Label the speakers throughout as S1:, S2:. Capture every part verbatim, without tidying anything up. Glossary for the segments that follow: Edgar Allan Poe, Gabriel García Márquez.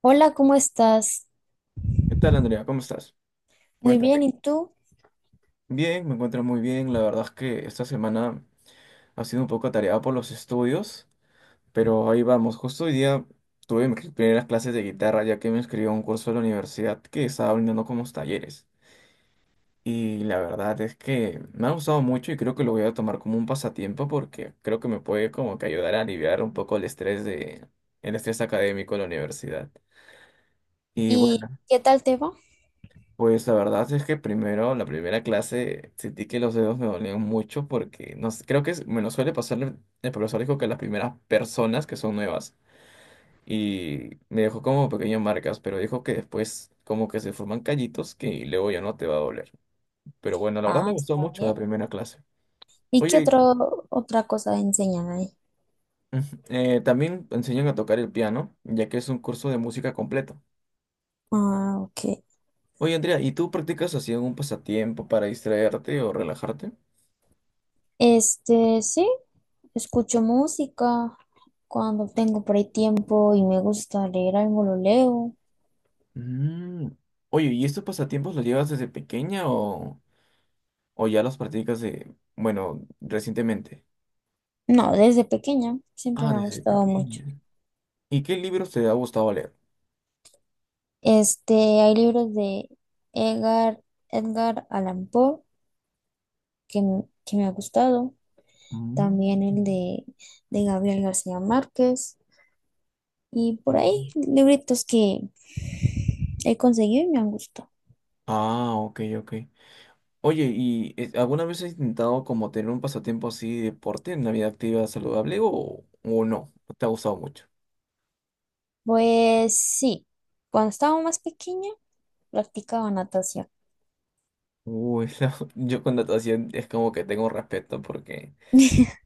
S1: Hola, ¿cómo estás?
S2: ¿Qué tal, Andrea? ¿Cómo estás?
S1: Muy bien,
S2: Cuéntame.
S1: ¿y tú?
S2: Bien, me encuentro muy bien. La verdad es que esta semana ha sido un poco atareada por los estudios, pero ahí vamos. Justo hoy día tuve mis primeras clases de guitarra, ya que me inscribí a un curso de la universidad que estaba brindando como talleres. Y la verdad es que me ha gustado mucho y creo que lo voy a tomar como un pasatiempo porque creo que me puede como que ayudar a aliviar un poco el estrés de, el estrés académico de la universidad. Y
S1: ¿Y
S2: bueno.
S1: qué tal te va?
S2: Pues la verdad es que primero, la primera clase, sentí que los dedos me dolían mucho porque no sé, creo que es- me lo suele pasar, el el profesor dijo que las primeras personas que son nuevas y me dejó como pequeñas marcas, pero dijo que después como que se forman callitos que luego ya no te va a doler. Pero bueno, la verdad me
S1: Ah,
S2: gustó
S1: está
S2: mucho la
S1: bien.
S2: primera clase.
S1: ¿Y qué
S2: Oye,
S1: otro, otra cosa enseñan ahí?
S2: eh, también enseñan a tocar el piano, ya que es un curso de música completo.
S1: Ah, ok.
S2: Oye, Andrea, ¿y tú practicas así algún pasatiempo para distraerte o relajarte?
S1: Este, sí, escucho música cuando tengo por ahí tiempo y me gusta leer algo, lo leo.
S2: Mm. Oye, ¿y estos pasatiempos los llevas desde pequeña o, o ya los practicas de, bueno, recientemente?
S1: No, desde pequeña siempre
S2: Ah,
S1: me ha
S2: desde
S1: gustado mucho.
S2: pequeña. ¿Y qué libros te ha gustado leer?
S1: Este, hay libros de Edgar, Edgar Allan Poe que, m- que me ha gustado. También el
S2: Mm.
S1: de, de Gabriel García Márquez. Y por
S2: Oh.
S1: ahí, libritos que he conseguido y me han gustado.
S2: Ah, ok, ok. Oye, ¿y eh, alguna vez has intentado como tener un pasatiempo así de deporte, una vida activa saludable o, o no? ¿No ¿Te ha gustado mucho?
S1: Pues sí, cuando estaba más pequeña practicaba natación.
S2: Uy, la- yo con natación es como que tengo respeto porque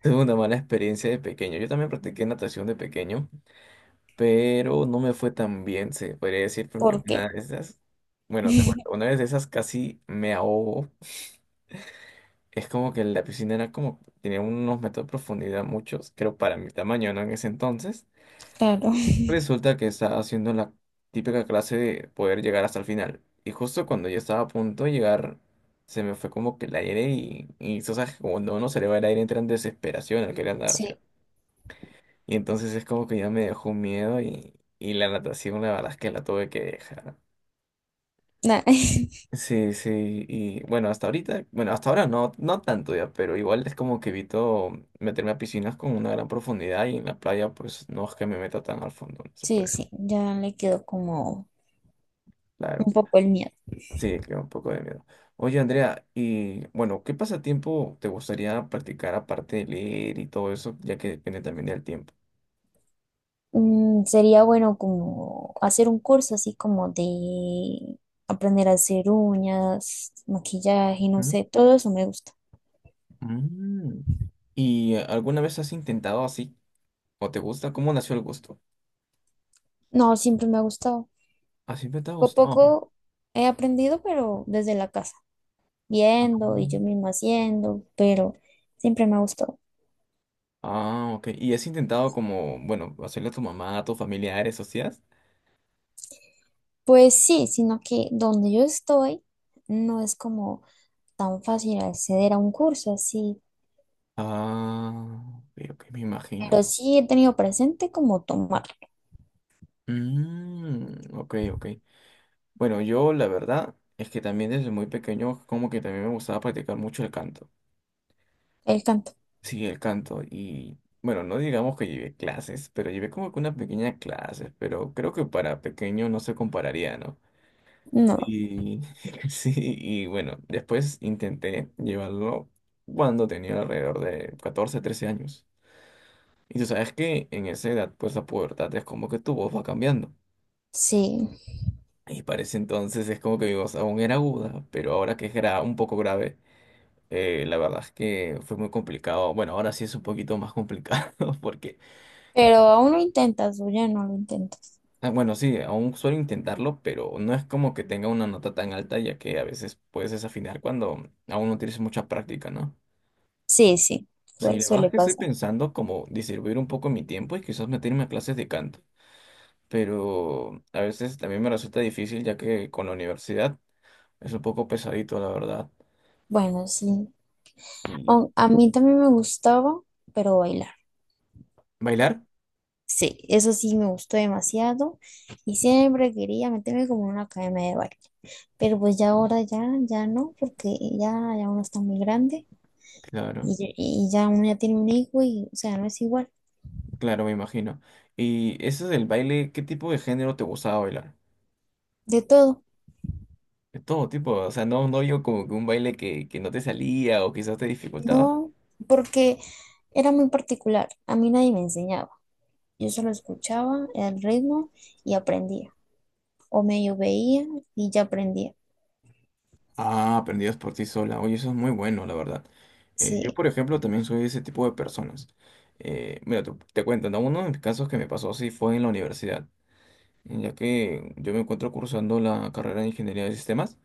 S2: tuve una mala experiencia de pequeño. Yo también practiqué natación de pequeño, pero no me fue tan bien, se podría decir, porque
S1: ¿Por
S2: una
S1: qué?
S2: de esas, bueno, te cuento, una vez de esas casi me ahogo. Es como que la piscina era como, tenía unos metros de profundidad, muchos, creo para mi tamaño, ¿no? En ese entonces.
S1: Claro,
S2: Resulta que estaba haciendo la típica clase de poder llegar hasta el final. Y justo cuando yo estaba a punto de llegar, se me fue como que el aire y, y tú sabes, que cuando uno se le va el aire entra en desesperación al querer nadar, ¿sí?
S1: sí.
S2: Y entonces es como que ya me dejó un miedo y, y la natación la verdad es que la tuve que dejar.
S1: na-
S2: Sí, sí, y bueno, hasta ahorita, bueno, hasta ahora no, no tanto ya, pero igual es como que evito meterme a piscinas con una gran profundidad y en la playa pues no es que me meta tan al fondo, no se
S1: Sí,
S2: puede,
S1: sí, ya le quedó como
S2: claro,
S1: un poco el miedo.
S2: sí, que un poco de miedo. Oye, Andrea, y bueno, ¿qué pasatiempo te gustaría practicar aparte de leer y todo eso, ya que depende también del tiempo?
S1: Mm, sería bueno como hacer un curso así como de aprender a hacer uñas, maquillaje, no
S2: Ujú.
S1: sé, todo eso me gusta.
S2: Mm. ¿Y eh, alguna vez has intentado así, o te gusta? ¿Cómo nació el gusto?
S1: No, siempre me ha gustado.
S2: Así me te ha
S1: Poco a
S2: gustado.
S1: poco he aprendido, pero desde la casa, viendo y yo misma haciendo, pero siempre me ha gustado.
S2: Ah, ok. ¿Y has intentado como, bueno, hacerle a tu mamá, a tus familiares, socias?
S1: Pues sí, sino que donde yo estoy no es como tan fácil acceder a un curso así,
S2: Ah, ok, ok, me imagino.
S1: pero sí he tenido presente como tomar
S2: Mm, ok, ok. Bueno, yo la verdad es que también desde muy pequeño como que también me gustaba practicar mucho el canto.
S1: el canto.
S2: Sí, el canto. Y bueno, no digamos que llevé clases, pero llevé como que unas pequeñas clases, pero creo que para pequeño no se compararía, ¿no?
S1: No,
S2: Y sí, y bueno, después intenté llevarlo cuando tenía alrededor de catorce trece años. Y tú sabes que en esa edad, pues la pubertad es como que tu voz va cambiando.
S1: sí,
S2: Y parece entonces es como que mi voz aún era aguda, pero ahora que es gra- un poco grave, eh, la verdad es que fue muy complicado. Bueno, ahora sí es un poquito más complicado porque,
S1: pero aún lo intentas o ya no lo intentas.
S2: ah, bueno, sí, aún suelo intentarlo, pero no es como que tenga una nota tan alta, ya que a veces puedes desafinar cuando aún no tienes mucha práctica, ¿no?
S1: Sí, sí,
S2: Sí,
S1: sue-
S2: la verdad es
S1: suele
S2: que estoy
S1: pasar.
S2: pensando como distribuir un poco mi tiempo y quizás meterme a clases de canto, pero a veces también me resulta difícil ya que con la universidad es un poco pesadito, la verdad.
S1: Bueno, sí.
S2: ¿Y
S1: Au- A mí también me gustaba, pero bailar.
S2: bailar?
S1: Sí, eso sí me gustó demasiado y siempre quería meterme como en una academia de baile, pero pues ya ahora ya, ya no, porque ya, ya uno está muy grande
S2: Claro,
S1: y, ya y ya uno ya tiene un hijo y, o sea, no es igual.
S2: claro, me imagino. ¿Y eso del baile, qué tipo de género te gustaba bailar?
S1: De todo,
S2: De todo tipo, o sea, no, no yo como que un baile que, que no te salía o quizás te dificultaba.
S1: no, porque era muy particular, a mí nadie me enseñaba, yo solo escuchaba el ritmo y aprendía, o medio veía y ya aprendía,
S2: Ah, aprendidas por ti sola. Oye, eso es muy bueno, la verdad. Eh, yo,
S1: sí,
S2: por ejemplo, también soy de ese tipo de personas. Eh, mira, te, te cuento, ¿no? Uno de mis casos que me pasó así fue en la universidad, ya que yo me encuentro cursando la carrera de Ingeniería de Sistemas.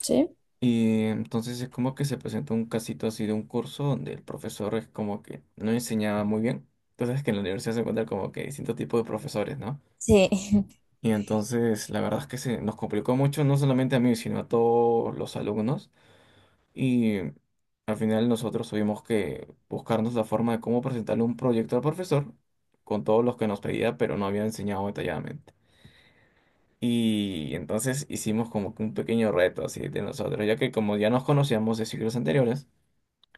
S1: sí,
S2: Y entonces es como que se presentó un casito así de un curso donde el profesor es como que no enseñaba muy bien. Entonces que en la universidad se encuentran como que distintos tipos de profesores, ¿no?
S1: sí,
S2: Y entonces la verdad es que se nos complicó mucho, no solamente a mí, sino a todos los alumnos. Y al final nosotros tuvimos que buscarnos la forma de cómo presentarle un proyecto al profesor con todos los que nos pedía, pero no había enseñado detalladamente. Y entonces hicimos como que un pequeño reto así de nosotros, ya que como ya nos conocíamos de ciclos anteriores,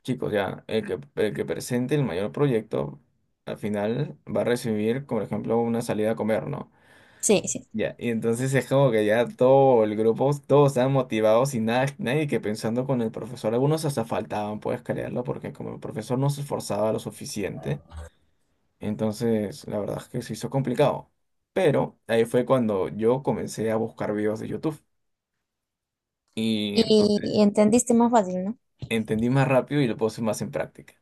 S2: chicos, ya el que, el que presente el mayor proyecto al final va a recibir, por ejemplo, una salida a comer, ¿no?
S1: sí, sí,
S2: Ya, y entonces es como que ya todo el grupo, todos estaban motivados y nada, nadie que pensando con el profesor. Algunos hasta faltaban, puedes creerlo, porque como el profesor no se esforzaba lo suficiente, entonces la verdad es que se hizo complicado. Pero ahí fue cuando yo comencé a buscar videos de YouTube y
S1: y
S2: entonces
S1: entendiste más fácil, ¿no?
S2: entendí más rápido y lo puse más en práctica.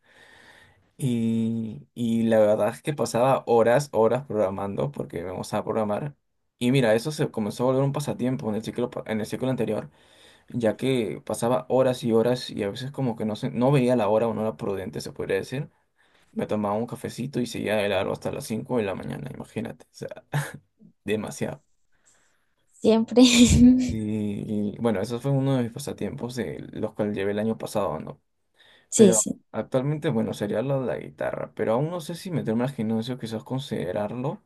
S2: Y, y la verdad es que pasaba horas, horas programando, porque vamos a programar. Y mira, eso se comenzó a volver un pasatiempo en el ciclo, pa- en el ciclo anterior, ya que pasaba horas y horas y a veces como que no, se- no veía la hora o no era prudente, se podría decir. Me tomaba un cafecito y seguía de largo hasta las cinco de la mañana, imagínate, o sea, demasiado.
S1: Siempre.
S2: Y, y, bueno, eso fue uno de mis pasatiempos, de los cuales llevé el año pasado, ¿no?
S1: Sí,
S2: Pero
S1: sí.
S2: actualmente, bueno, sería lo de la guitarra, pero aún no sé si meterme al gimnasio, quizás considerarlo,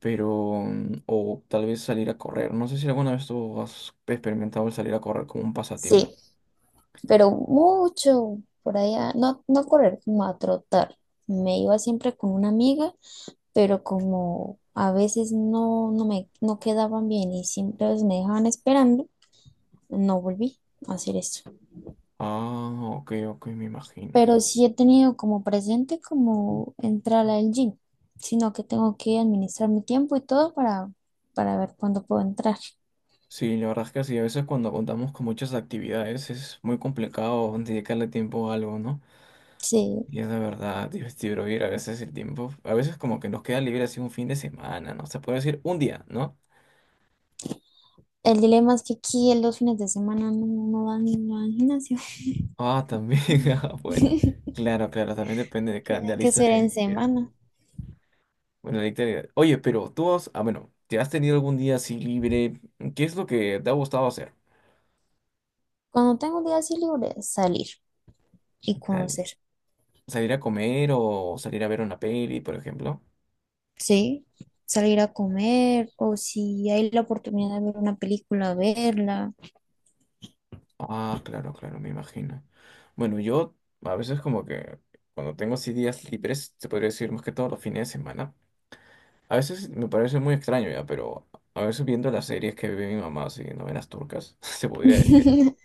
S2: pero, mm, o tal vez salir a correr. No sé si alguna vez tú has experimentado el salir a correr como un pasatiempo.
S1: Sí, pero mucho por allá, no, no correr, como a trotar. Me iba siempre con una amiga, pero como a veces no, no me no quedaban bien y siempre pues, me dejaban esperando, no volví a hacer eso.
S2: Ah, ok, ok, me imagino.
S1: Pero sí he tenido como presente como entrar al gym, sino que tengo que administrar mi tiempo y todo para, para ver cuándo puedo entrar.
S2: Sí, la verdad es que sí, a veces cuando contamos con muchas actividades es muy complicado dedicarle tiempo a algo, ¿no?
S1: Sí,
S2: Y es de verdad divertido ir a veces el tiempo. A veces como que nos queda libre así un fin de semana, ¿no? Se puede decir un día, ¿no?
S1: el dilema es que aquí en los fines de semana no, no dan, no dan gimnasio.
S2: Ah, también, ah, bueno.
S1: Tienen
S2: Claro, claro, también depende de, cada- de la
S1: que
S2: lista
S1: ser en
S2: de... de-
S1: semana.
S2: bueno, la lista de- Oye, pero tú has... Ah, bueno, ¿te has tenido algún día así libre? ¿Qué es lo que te ha gustado hacer?
S1: Cuando tengo un día así libre, salir y
S2: Sal-
S1: conocer.
S2: ¿Salir a comer o salir a ver una peli, por ejemplo?
S1: Sí, salir a comer o si hay la oportunidad de ver una película, verla.
S2: Ah, claro, claro, me imagino. Bueno, yo a veces como que cuando tengo así días libres, se podría decir más que todos los fines de semana. A veces me parece muy extraño ya, pero a veces viendo las series que ve mi mamá, así, novelas turcas, se podría decir.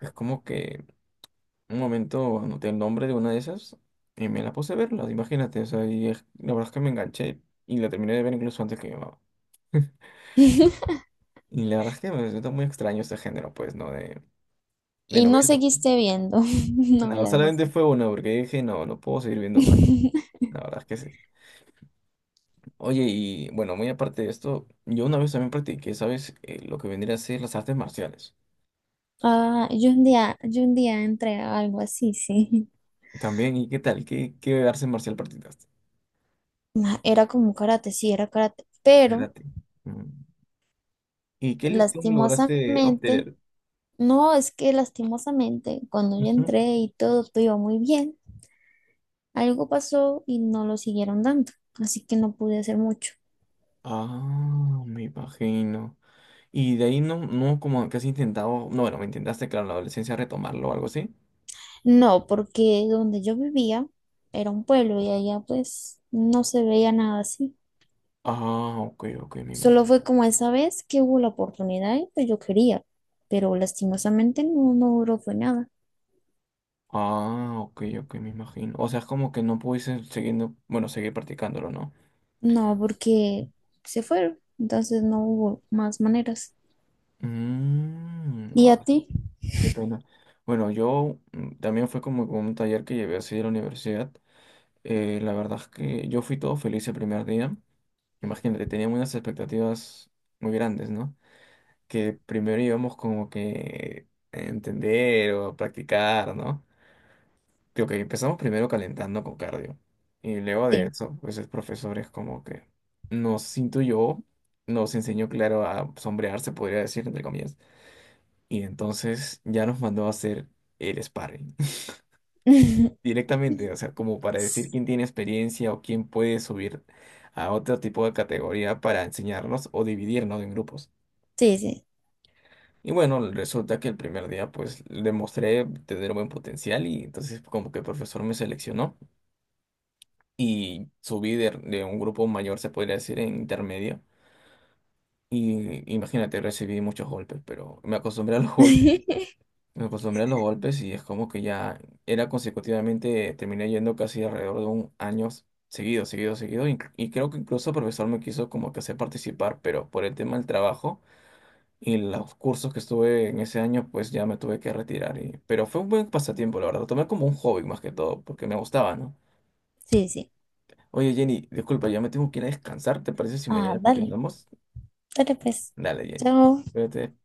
S2: Es como que un momento anoté el nombre de una de esas y me la puse a verla, imagínate. O sea, y es- la verdad es que me enganché y la terminé de ver incluso antes que mi mamá. Y la verdad es que me resulta muy extraño este género, pues, ¿no? De, de
S1: Y no
S2: novelas.
S1: seguiste viendo
S2: No,
S1: novelas
S2: solamente fue una porque dije, no, no puedo seguir viendo más.
S1: así.
S2: La verdad es que sí. Oye, y bueno, muy aparte de esto, yo una vez también practiqué, ¿sabes? Eh, lo que vendría a ser las artes marciales.
S1: Ah, yo un día, yo un día entré a algo así, sí.
S2: También, ¿y qué tal? ¿Qué, ¿qué arte marcial practicaste?
S1: Ma, era como karate, sí, era karate, pero
S2: Karate. Mm. ¿Y qué listón lograste
S1: lastimosamente,
S2: obtener?
S1: no, es que lastimosamente, cuando yo
S2: Ujú.
S1: entré y todo, todo iba muy bien. Algo pasó y no lo siguieron dando, así que no pude hacer mucho.
S2: Ah, me imagino. Y de ahí no, no como que has intentado, no, bueno, me intentaste, claro, en la adolescencia retomarlo o algo así.
S1: No, porque donde yo vivía era un pueblo y allá pues no se veía nada así.
S2: Ah, ok, ok, me
S1: Solo
S2: imagino.
S1: fue como esa vez que hubo la oportunidad y pues yo quería, pero lastimosamente no, no duró, fue nada.
S2: Ah, ok, ok, me imagino. O sea, es como que no pudiste siguiendo bueno, seguir practicándolo, ¿no?
S1: No, porque se fueron, entonces no hubo más maneras.
S2: Mm,
S1: ¿Y
S2: ah.
S1: a ti?
S2: Qué pena. Bueno, yo mm, también fue como un taller que llevé así de la universidad. Eh, la verdad es que yo fui todo feliz el primer día. Imagínate, teníamos unas expectativas muy grandes, ¿no? Que primero íbamos como que a entender o a practicar, ¿no? Creo que empezamos primero calentando con cardio. Y luego de
S1: Sí.
S2: eso, pues el profesor es como que nos intuyó, nos enseñó, claro, a sombrear se podría decir, entre comillas. Y entonces ya nos mandó a hacer el sparring directamente, o sea, como para decir quién tiene experiencia o quién puede subir a otro tipo de categoría para enseñarnos o dividirnos en grupos.
S1: Sí, sí.
S2: Y bueno, resulta que el primer día pues demostré tener buen potencial y entonces como que el profesor me seleccionó y subí de, de un grupo mayor, se podría decir, en intermedio. Y imagínate, recibí muchos golpes, pero me acostumbré a los golpes. Me acostumbré a los golpes y es como que ya era consecutivamente, terminé yendo casi alrededor de un año seguido, seguido, seguido. Y, y creo que incluso el profesor me quiso como que hacer participar, pero por el tema del trabajo y los cursos que estuve en ese año, pues ya me tuve que retirar. Y, pero fue un buen pasatiempo, la verdad. Lo tomé como un hobby más que todo, porque me gustaba, ¿no?
S1: Sí, sí.
S2: Oye, Jenny, disculpa, ya me tengo que ir a descansar. ¿Te parece si
S1: Ah,
S2: mañana
S1: dale,
S2: continuamos?
S1: dale pues.
S2: Dale, Jenny.
S1: Chao.
S2: Cuídate.